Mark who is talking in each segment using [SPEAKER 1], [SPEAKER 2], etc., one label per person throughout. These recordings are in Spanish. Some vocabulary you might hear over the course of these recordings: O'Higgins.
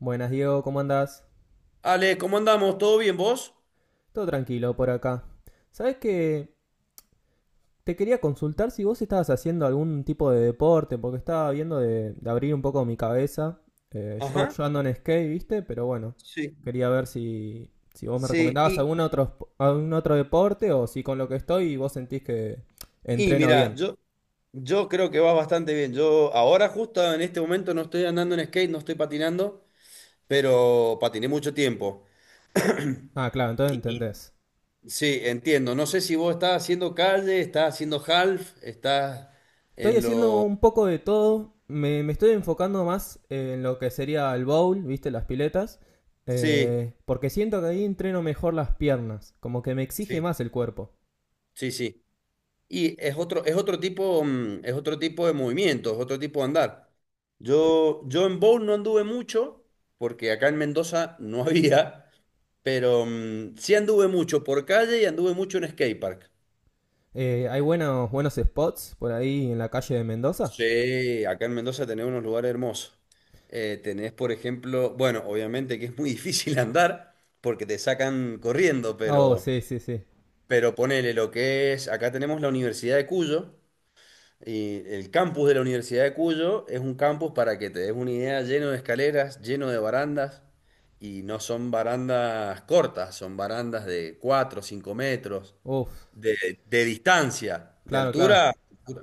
[SPEAKER 1] Buenas, Diego, ¿cómo andás?
[SPEAKER 2] Ale, ¿cómo andamos? ¿Todo bien vos?
[SPEAKER 1] Todo tranquilo por acá. ¿Sabés que te quería consultar si vos estabas haciendo algún tipo de deporte? Porque estaba viendo de abrir un poco mi cabeza. Eh, yo,
[SPEAKER 2] Ajá,
[SPEAKER 1] yo ando en skate, ¿viste? Pero bueno,
[SPEAKER 2] sí,
[SPEAKER 1] quería ver si vos me
[SPEAKER 2] sí,
[SPEAKER 1] recomendabas algún otro, algún otro deporte o si con lo que estoy vos sentís que
[SPEAKER 2] y
[SPEAKER 1] entreno
[SPEAKER 2] mira,
[SPEAKER 1] bien.
[SPEAKER 2] yo creo que vas bastante bien. Yo ahora justo en este momento no estoy andando en skate, no estoy patinando, pero patiné mucho tiempo.
[SPEAKER 1] Ah, claro, entonces
[SPEAKER 2] Y
[SPEAKER 1] entendés.
[SPEAKER 2] sí, entiendo. No sé si vos estás haciendo calle, estás haciendo half, estás
[SPEAKER 1] Estoy
[SPEAKER 2] en
[SPEAKER 1] haciendo
[SPEAKER 2] lo...
[SPEAKER 1] un poco de todo. Me estoy enfocando más en lo que sería el bowl, ¿viste? Las piletas.
[SPEAKER 2] Sí,
[SPEAKER 1] Porque siento que ahí entreno mejor las piernas. Como que me exige
[SPEAKER 2] sí,
[SPEAKER 1] más el cuerpo.
[SPEAKER 2] sí, sí. Y es otro tipo, es otro tipo de movimiento, es otro tipo de andar. Yo en bowl no anduve mucho, porque acá en Mendoza no había, pero sí anduve mucho por calle y anduve mucho en skatepark.
[SPEAKER 1] Hay buenos spots por ahí en la calle de Mendoza.
[SPEAKER 2] Sí, acá en Mendoza tenés unos lugares hermosos. Tenés, por ejemplo, bueno, obviamente que es muy difícil andar porque te sacan corriendo,
[SPEAKER 1] Oh, sí, sí, sí.
[SPEAKER 2] pero ponele lo que es, acá tenemos la Universidad de Cuyo. Y el campus de la Universidad de Cuyo es un campus, para que te des una idea, lleno de escaleras, lleno de barandas, y no son barandas cortas, son barandas de cuatro o 5 metros
[SPEAKER 1] Uf,
[SPEAKER 2] de, de distancia, de
[SPEAKER 1] claro, claro.
[SPEAKER 2] altura,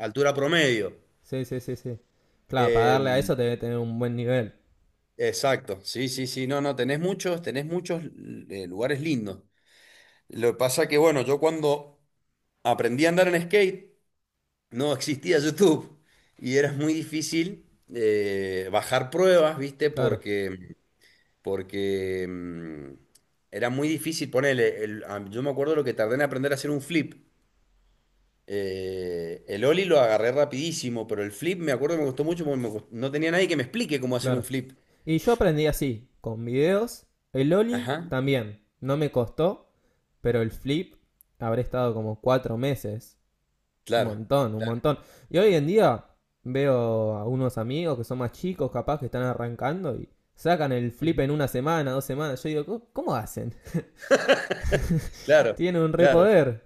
[SPEAKER 2] altura promedio.
[SPEAKER 1] Sí, sí, sí, sí. Claro, para
[SPEAKER 2] Eh,
[SPEAKER 1] darle a eso te debe tener un buen nivel.
[SPEAKER 2] exacto, sí, sí, sí, no, no, tenés muchos lugares lindos. Lo que pasa que, bueno, yo cuando aprendí a andar en skate, no existía YouTube y era muy difícil bajar pruebas, ¿viste?
[SPEAKER 1] Claro,
[SPEAKER 2] Porque, porque era muy difícil ponerle. El- a- yo me acuerdo lo que tardé en aprender a hacer un flip. El ollie lo agarré rapidísimo, pero el flip me acuerdo que me costó mucho porque me cos- no tenía nadie que me explique cómo hacer un
[SPEAKER 1] claro.
[SPEAKER 2] flip.
[SPEAKER 1] Y yo aprendí así, con videos. El Oli
[SPEAKER 2] Ajá,
[SPEAKER 1] también. No me costó. Pero el flip habré estado como 4 meses. Un
[SPEAKER 2] claro,
[SPEAKER 1] montón, un
[SPEAKER 2] claro,
[SPEAKER 1] montón. Y hoy en día veo a unos amigos que son más chicos, capaz que están arrancando y sacan el flip
[SPEAKER 2] ujú,
[SPEAKER 1] en una semana, 2 semanas. Yo digo, "¿Cómo hacen?
[SPEAKER 2] claro,
[SPEAKER 1] Tienen un re
[SPEAKER 2] claro,
[SPEAKER 1] poder".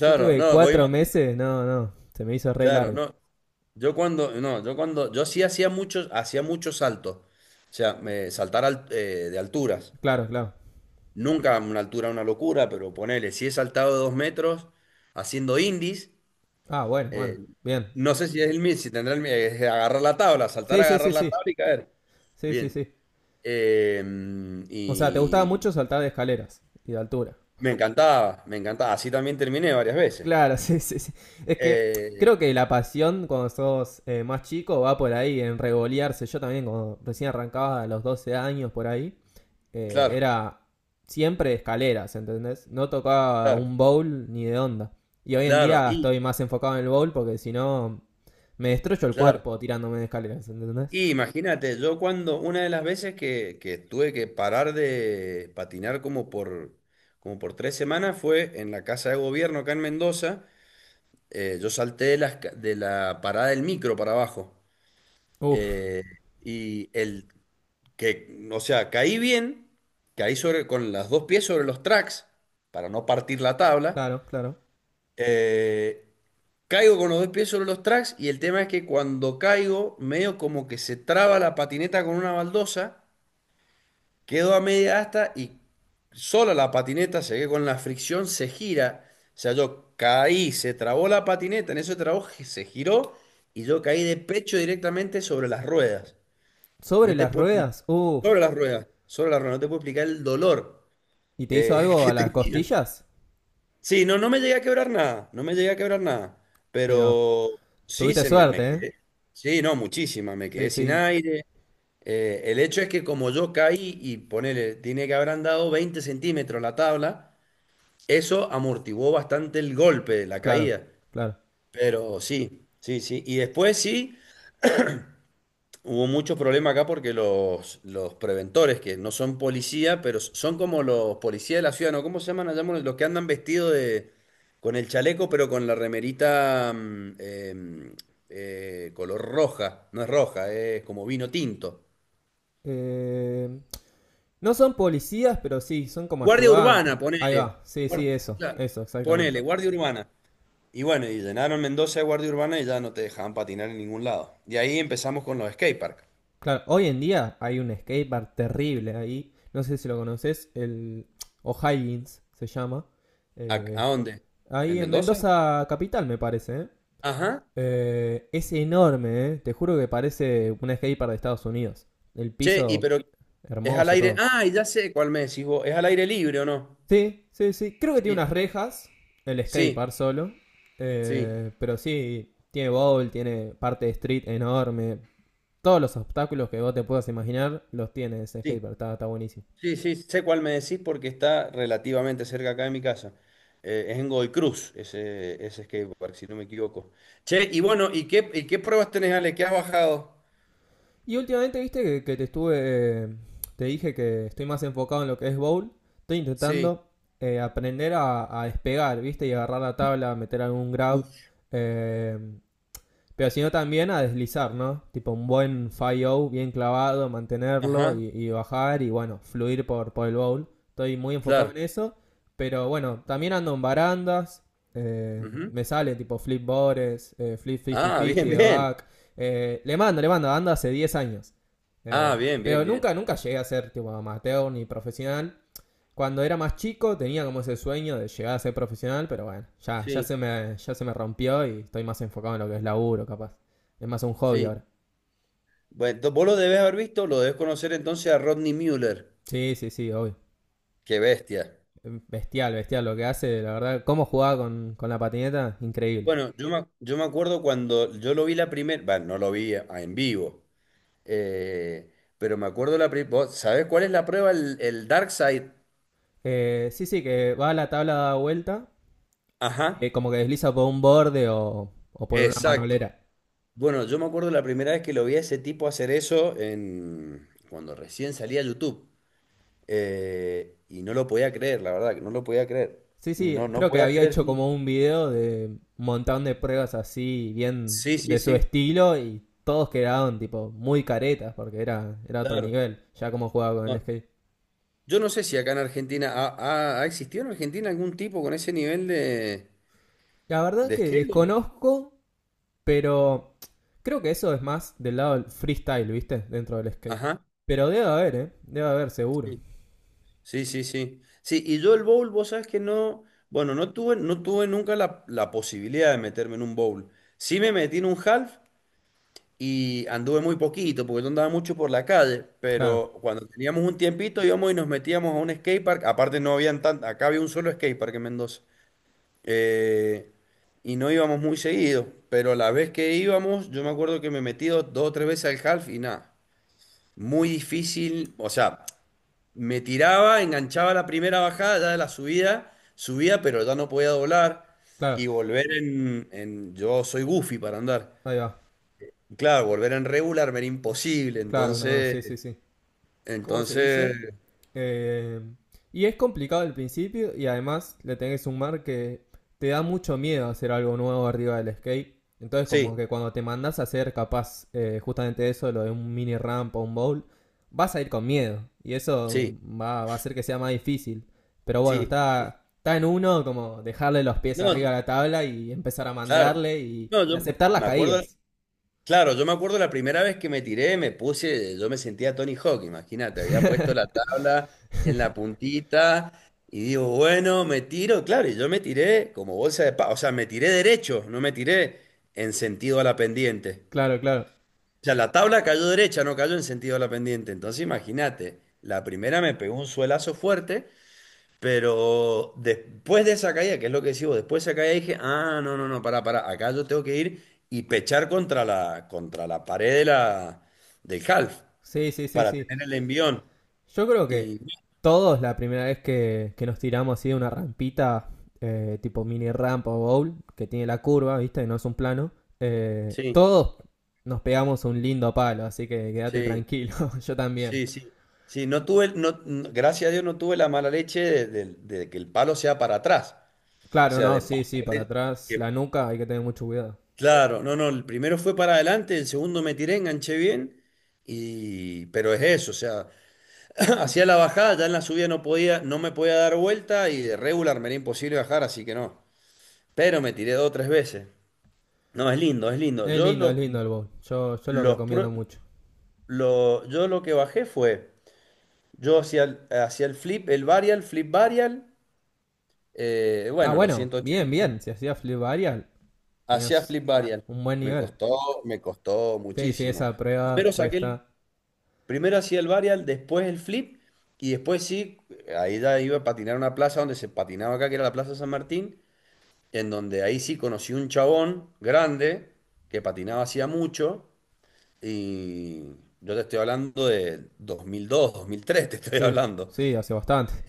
[SPEAKER 1] Yo tuve
[SPEAKER 2] No, voy a
[SPEAKER 1] cuatro
[SPEAKER 2] imagi-
[SPEAKER 1] meses, no, no, se me hizo re
[SPEAKER 2] claro,
[SPEAKER 1] largo.
[SPEAKER 2] no. Yo cuando, no, yo cuando, yo sí hacía muchos saltos. O sea, me, saltar al- de alturas.
[SPEAKER 1] Claro, claro.
[SPEAKER 2] Nunca una altura una locura, pero ponele, si he saltado de 2 metros haciendo indies,
[SPEAKER 1] Ah, bueno, bueno,
[SPEAKER 2] eh,
[SPEAKER 1] bien.
[SPEAKER 2] no sé si es el mismo, si tendrá el mi- es agarrar la tabla, saltar,
[SPEAKER 1] Sí, sí, sí,
[SPEAKER 2] agarrar la
[SPEAKER 1] sí.
[SPEAKER 2] tabla y caer.
[SPEAKER 1] Sí, sí,
[SPEAKER 2] Bien.
[SPEAKER 1] sí.
[SPEAKER 2] Eh,
[SPEAKER 1] O sea, te gustaba
[SPEAKER 2] y
[SPEAKER 1] mucho saltar de escaleras y de altura.
[SPEAKER 2] me encantaba, me encantaba. Así también terminé varias veces.
[SPEAKER 1] Claro, sí, sí, sí. Es que
[SPEAKER 2] Eh,
[SPEAKER 1] creo que la pasión cuando sos más chico va por ahí, en regolearse. Yo también, cuando recién arrancaba a los 12 años por ahí,
[SPEAKER 2] claro,
[SPEAKER 1] era siempre escaleras, ¿entendés? No tocaba
[SPEAKER 2] claro,
[SPEAKER 1] un bowl ni de onda. Y hoy en
[SPEAKER 2] claro.
[SPEAKER 1] día
[SPEAKER 2] Y,
[SPEAKER 1] estoy más enfocado en el bowl porque si no me destrozo el
[SPEAKER 2] claro.
[SPEAKER 1] cuerpo tirándome de escaleras, ¿entendés?
[SPEAKER 2] Y imagínate, yo cuando una de las veces que tuve que parar de patinar como por, como por 3 semanas fue en la Casa de Gobierno acá en Mendoza. Yo salté de la parada del micro para abajo.
[SPEAKER 1] Uf,
[SPEAKER 2] Eh, y el que, o sea, caí bien, caí sobre, con las dos pies sobre los tracks para no partir la tabla.
[SPEAKER 1] claro, claro.
[SPEAKER 2] Eh, Caigo con los dos pies sobre los tracks y el tema es que cuando caigo, medio como que se traba la patineta con una baldosa. Quedó a media asta y sola la patineta, se que con la fricción se gira. O sea, yo caí, se trabó la patineta, en ese trabajo se giró y yo caí de pecho directamente sobre las ruedas. No
[SPEAKER 1] Sobre
[SPEAKER 2] te
[SPEAKER 1] las
[SPEAKER 2] puedo explicar.
[SPEAKER 1] ruedas, uf.
[SPEAKER 2] Sobre las ruedas, no te puedo explicar el dolor
[SPEAKER 1] ¿Y te hizo algo a
[SPEAKER 2] que
[SPEAKER 1] las
[SPEAKER 2] tenía.
[SPEAKER 1] costillas?
[SPEAKER 2] Sí, no, no me llegué a quebrar nada, no me llegué a quebrar nada.
[SPEAKER 1] Ahí va.
[SPEAKER 2] Pero sí,
[SPEAKER 1] Tuviste
[SPEAKER 2] se me, me
[SPEAKER 1] suerte, ¿eh?
[SPEAKER 2] quedé. Sí, no, muchísima, me
[SPEAKER 1] Sí,
[SPEAKER 2] quedé sin
[SPEAKER 1] sí,
[SPEAKER 2] aire. El hecho es que como yo caí y ponele, tiene que haber andado 20 centímetros la tabla, eso amortiguó bastante el golpe de la
[SPEAKER 1] claro,
[SPEAKER 2] caída.
[SPEAKER 1] claro.
[SPEAKER 2] Pero sí, sí, sí. Y después sí, hubo muchos problemas acá porque los preventores, que no son policía, pero son como los policías de la ciudad, ¿no? ¿Cómo se llaman allá? Los que andan vestidos de, con el chaleco, pero con la remerita color roja. No es roja, es como vino tinto.
[SPEAKER 1] Eh, no son policías, pero sí, son como
[SPEAKER 2] Guardia
[SPEAKER 1] ayudantes.
[SPEAKER 2] Urbana,
[SPEAKER 1] Ahí
[SPEAKER 2] ponele.
[SPEAKER 1] va, sí, sí,
[SPEAKER 2] Guar-
[SPEAKER 1] eso,
[SPEAKER 2] claro,
[SPEAKER 1] eso, exactamente.
[SPEAKER 2] ponele, Guardia Urbana. Y bueno, y llenaron Mendoza de Guardia Urbana y ya no te dejaban patinar en ningún lado. Y ahí empezamos con los skateparks.
[SPEAKER 1] Claro, hoy en día hay un skatepark terrible ahí. No sé si lo conoces, el O'Higgins se llama. Eh,
[SPEAKER 2] A dónde?
[SPEAKER 1] Ahí
[SPEAKER 2] ¿En
[SPEAKER 1] en
[SPEAKER 2] Mendoza?
[SPEAKER 1] Mendoza Capital, me parece, ¿eh?
[SPEAKER 2] Ajá.
[SPEAKER 1] Es enorme, ¿eh? Te juro que parece un skatepark de Estados Unidos. El
[SPEAKER 2] Che, y
[SPEAKER 1] piso
[SPEAKER 2] pero es al
[SPEAKER 1] hermoso,
[SPEAKER 2] aire.
[SPEAKER 1] todo.
[SPEAKER 2] Ah, ya sé cuál me decís vos. ¿Es al aire libre o no?
[SPEAKER 1] Sí, sí, sí. Creo que tiene
[SPEAKER 2] Sí,
[SPEAKER 1] unas rejas, el
[SPEAKER 2] sí,
[SPEAKER 1] skatepark solo.
[SPEAKER 2] sí,
[SPEAKER 1] Pero sí, tiene bowl, tiene parte de street enorme. Todos los obstáculos que vos te puedas imaginar los tiene ese
[SPEAKER 2] sí.
[SPEAKER 1] skatepark, está, está buenísimo.
[SPEAKER 2] Sí, sí, sé cuál me decís porque está relativamente cerca acá de mi casa. Es en Godoy Cruz, ese skatepark, si no me equivoco. Che, y bueno, y qué pruebas tenés, Ale? ¿Qué has bajado?
[SPEAKER 1] Y últimamente, viste que te estuve. eh, Te dije que estoy más enfocado en lo que es bowl. Estoy
[SPEAKER 2] Sí.
[SPEAKER 1] intentando aprender a despegar, viste, y agarrar la tabla, meter algún grab.
[SPEAKER 2] Uf,
[SPEAKER 1] Eh, Pero sino también a deslizar, ¿no? Tipo un buen 5 bien clavado, mantenerlo
[SPEAKER 2] ajá,
[SPEAKER 1] y bajar y bueno, fluir por el bowl. Estoy muy enfocado
[SPEAKER 2] claro.
[SPEAKER 1] en eso. Pero bueno, también ando en barandas. eh,
[SPEAKER 2] Ujú.
[SPEAKER 1] Me sale tipo flip bores, flip
[SPEAKER 2] Ah, bien,
[SPEAKER 1] 50-50 de
[SPEAKER 2] bien.
[SPEAKER 1] back. Le mando, le mando, ando hace 10 años.
[SPEAKER 2] Ah, bien, bien,
[SPEAKER 1] Pero
[SPEAKER 2] bien.
[SPEAKER 1] nunca, nunca llegué a ser tipo amateur ni profesional. Cuando era más chico tenía como ese sueño de llegar a ser profesional, pero bueno, ya, ya,
[SPEAKER 2] Sí,
[SPEAKER 1] se me, ya se me rompió y estoy más enfocado en lo que es laburo, capaz. Es más un hobby
[SPEAKER 2] sí.
[SPEAKER 1] ahora.
[SPEAKER 2] Bueno, ento- vos lo debes haber visto, lo debes conocer entonces a Rodney Mueller.
[SPEAKER 1] Sí, sí, sí, obvio.
[SPEAKER 2] Qué bestia.
[SPEAKER 1] Bestial, bestial lo que hace, la verdad. Cómo jugaba con la patineta, increíble.
[SPEAKER 2] Bueno, yo me acuerdo cuando yo lo vi la primera, bueno, no lo vi a- en vivo, eh, pero me acuerdo la primera, ¿sabés cuál es la prueba? El Dark Side.
[SPEAKER 1] Sí, sí, que va a la tabla da vuelta,
[SPEAKER 2] Ajá,
[SPEAKER 1] como que desliza por un borde o por una
[SPEAKER 2] exacto.
[SPEAKER 1] manolera.
[SPEAKER 2] Bueno, yo me acuerdo la primera vez que lo vi a ese tipo hacer eso en, cuando recién salía YouTube. Y no lo podía creer, la verdad, que no lo podía creer.
[SPEAKER 1] Sí, sí,
[SPEAKER 2] No, no
[SPEAKER 1] creo que
[SPEAKER 2] podía
[SPEAKER 1] había
[SPEAKER 2] creer
[SPEAKER 1] hecho
[SPEAKER 2] que...
[SPEAKER 1] como un video de un montón de pruebas así, bien
[SPEAKER 2] Sí, sí,
[SPEAKER 1] de su
[SPEAKER 2] sí,
[SPEAKER 1] estilo, y todos quedaron tipo muy caretas porque era otro
[SPEAKER 2] claro.
[SPEAKER 1] nivel, ya como jugaba con el
[SPEAKER 2] No.
[SPEAKER 1] skate.
[SPEAKER 2] Yo no sé si acá en Argentina, ¿ha, ha- ha existido en Argentina algún tipo con ese nivel
[SPEAKER 1] La verdad
[SPEAKER 2] de
[SPEAKER 1] que
[SPEAKER 2] esquema?
[SPEAKER 1] desconozco, pero creo que eso es más del lado del freestyle, ¿viste? Dentro del skate.
[SPEAKER 2] Ajá,
[SPEAKER 1] Pero debe haber, ¿eh? Debe haber, seguro.
[SPEAKER 2] sí, sí, sí, sí. Sí, y yo el bowl, vos sabés que no, bueno, no tuve, no tuve nunca la, la posibilidad de meterme en un bowl. Sí me metí en un half, y anduve muy poquito porque yo andaba mucho por la calle,
[SPEAKER 1] Claro,
[SPEAKER 2] pero cuando teníamos un tiempito íbamos y nos metíamos a un skatepark, aparte no habían tan, acá había un solo skatepark en Mendoza, eh, y no íbamos muy seguido, pero la vez que íbamos yo me acuerdo que me metí dos, dos o tres veces al half y nada, muy difícil, o sea, me tiraba, enganchaba la primera bajada, ya de la subida, subía pero ya no podía doblar.
[SPEAKER 1] claro.
[SPEAKER 2] Y volver en- Yo soy goofy para andar.
[SPEAKER 1] Ahí va.
[SPEAKER 2] Claro, volver en regular era imposible,
[SPEAKER 1] Claro, no,
[SPEAKER 2] entonces,
[SPEAKER 1] sí, sí, sí. ¿Cómo se
[SPEAKER 2] entonces,
[SPEAKER 1] dice? Eh, y es complicado al principio y además le tenés que sumar que te da mucho miedo hacer algo nuevo arriba del skate. Entonces como
[SPEAKER 2] sí,
[SPEAKER 1] que cuando te mandas a hacer capaz justamente eso, lo de un mini ramp o un bowl, vas a ir con miedo. Y eso
[SPEAKER 2] sí,
[SPEAKER 1] va a hacer que sea más difícil. Pero bueno,
[SPEAKER 2] sí.
[SPEAKER 1] está, está en uno como dejarle los pies arriba a
[SPEAKER 2] No,
[SPEAKER 1] la tabla y empezar a
[SPEAKER 2] claro,
[SPEAKER 1] mandarle
[SPEAKER 2] no,
[SPEAKER 1] y
[SPEAKER 2] yo
[SPEAKER 1] aceptar las
[SPEAKER 2] me acuerdo,
[SPEAKER 1] caídas.
[SPEAKER 2] claro, yo me acuerdo la primera vez que me tiré, me puse, yo me sentía Tony Hawk, imagínate, había puesto la tabla en la puntita y digo, bueno, me tiro, claro, y yo me tiré como bolsa de pavo, o sea, me tiré derecho, no me tiré en sentido a la pendiente.
[SPEAKER 1] claro, claro.
[SPEAKER 2] O sea, la tabla cayó derecha, no cayó en sentido de la pendiente. Entonces, imagínate, la primera me pegó un suelazo fuerte, pero después de esa caída, que es lo que decís vos, después de esa caída dije, ah, no, no, no, pará, pará, acá yo tengo que ir y pechar contra la pared de la, del half
[SPEAKER 1] Sí, sí, sí,
[SPEAKER 2] para
[SPEAKER 1] sí.
[SPEAKER 2] tener el envión.
[SPEAKER 1] Yo creo
[SPEAKER 2] Y
[SPEAKER 1] que todos la primera vez que nos tiramos así de una rampita, tipo mini rampa o bowl, que tiene la curva, ¿viste? No es un plano.
[SPEAKER 2] sí,
[SPEAKER 1] Todos nos pegamos un lindo palo, así que quédate
[SPEAKER 2] sí,
[SPEAKER 1] tranquilo, yo también.
[SPEAKER 2] sí, sí. Sí, no tuve, no, no- gracias a Dios no tuve la mala leche de que el palo sea para atrás. O
[SPEAKER 1] Claro,
[SPEAKER 2] sea, de
[SPEAKER 1] no, sí,
[SPEAKER 2] pasar
[SPEAKER 1] sí, para
[SPEAKER 2] de,
[SPEAKER 1] atrás, la
[SPEAKER 2] que
[SPEAKER 1] nuca, hay que tener mucho cuidado.
[SPEAKER 2] claro, no, no, el primero fue para adelante, el segundo me tiré, enganché bien, y pero es eso, o sea, hacía la bajada, ya en la subida no podía, no me podía dar vuelta y de regular me era imposible bajar, así que no. Pero me tiré dos o tres veces. No, es lindo, es lindo. Yo
[SPEAKER 1] Es lindo el bowl, yo lo
[SPEAKER 2] los
[SPEAKER 1] recomiendo
[SPEAKER 2] pro-
[SPEAKER 1] mucho.
[SPEAKER 2] lo, yo lo que bajé fue, yo hacía el flip, el varial, flip varial,
[SPEAKER 1] Ah,
[SPEAKER 2] bueno, los
[SPEAKER 1] bueno, bien,
[SPEAKER 2] 180,
[SPEAKER 1] bien, si hacías flip varial,
[SPEAKER 2] hacía
[SPEAKER 1] tenías
[SPEAKER 2] flip varial.
[SPEAKER 1] un buen
[SPEAKER 2] Me
[SPEAKER 1] nivel.
[SPEAKER 2] costó, me costó
[SPEAKER 1] Sí, sí,
[SPEAKER 2] muchísimo.
[SPEAKER 1] esa prueba
[SPEAKER 2] Primero saqué, el-
[SPEAKER 1] cuesta.
[SPEAKER 2] Primero hacía el varial, después el flip, y después sí, ahí ya iba a patinar a una plaza donde se patinaba acá, que era la Plaza San Martín, en donde ahí sí conocí un chabón grande que patinaba hacía mucho, y yo te estoy hablando de 2002, 2003, te estoy
[SPEAKER 1] Sí,
[SPEAKER 2] hablando.
[SPEAKER 1] sí, hace bastante.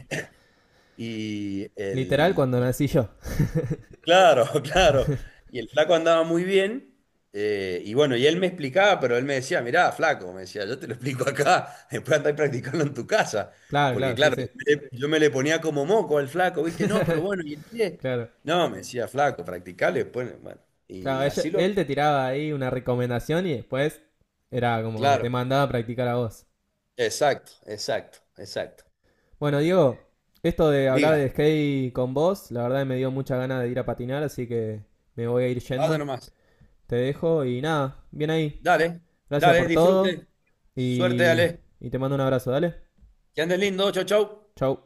[SPEAKER 2] Y,
[SPEAKER 1] Literal
[SPEAKER 2] el,
[SPEAKER 1] cuando nací yo.
[SPEAKER 2] claro, claro. Y el flaco andaba muy bien. Y bueno, y él me explicaba, pero él me decía, mirá, flaco, me decía, yo te lo explico acá, después andá practicando en tu casa.
[SPEAKER 1] claro,
[SPEAKER 2] Porque
[SPEAKER 1] claro, sí,
[SPEAKER 2] claro, yo
[SPEAKER 1] sí.
[SPEAKER 2] me le yo me le ponía como moco al flaco, ¿viste? No, pero bueno, ¿y el pie?
[SPEAKER 1] claro.
[SPEAKER 2] No, me decía, flaco, practicale después. Bueno,
[SPEAKER 1] Claro,
[SPEAKER 2] y
[SPEAKER 1] ella-
[SPEAKER 2] así lo...
[SPEAKER 1] él te tiraba ahí una recomendación y después era como que te
[SPEAKER 2] Claro,
[SPEAKER 1] mandaba a practicar a vos.
[SPEAKER 2] exacto, exacto, exacto.
[SPEAKER 1] Bueno, Diego, esto de hablar
[SPEAKER 2] Diga,
[SPEAKER 1] de skate con vos, la verdad me dio mucha ganas de ir a patinar, así que me voy a ir
[SPEAKER 2] vaya
[SPEAKER 1] yendo.
[SPEAKER 2] nomás.
[SPEAKER 1] Te dejo y nada, bien ahí.
[SPEAKER 2] Dale,
[SPEAKER 1] Gracias
[SPEAKER 2] dale,
[SPEAKER 1] por todo
[SPEAKER 2] disfrute. Suerte,
[SPEAKER 1] y,
[SPEAKER 2] dale.
[SPEAKER 1] y te mando un abrazo, dale.
[SPEAKER 2] Que andes lindo, chau, chau.
[SPEAKER 1] Chau.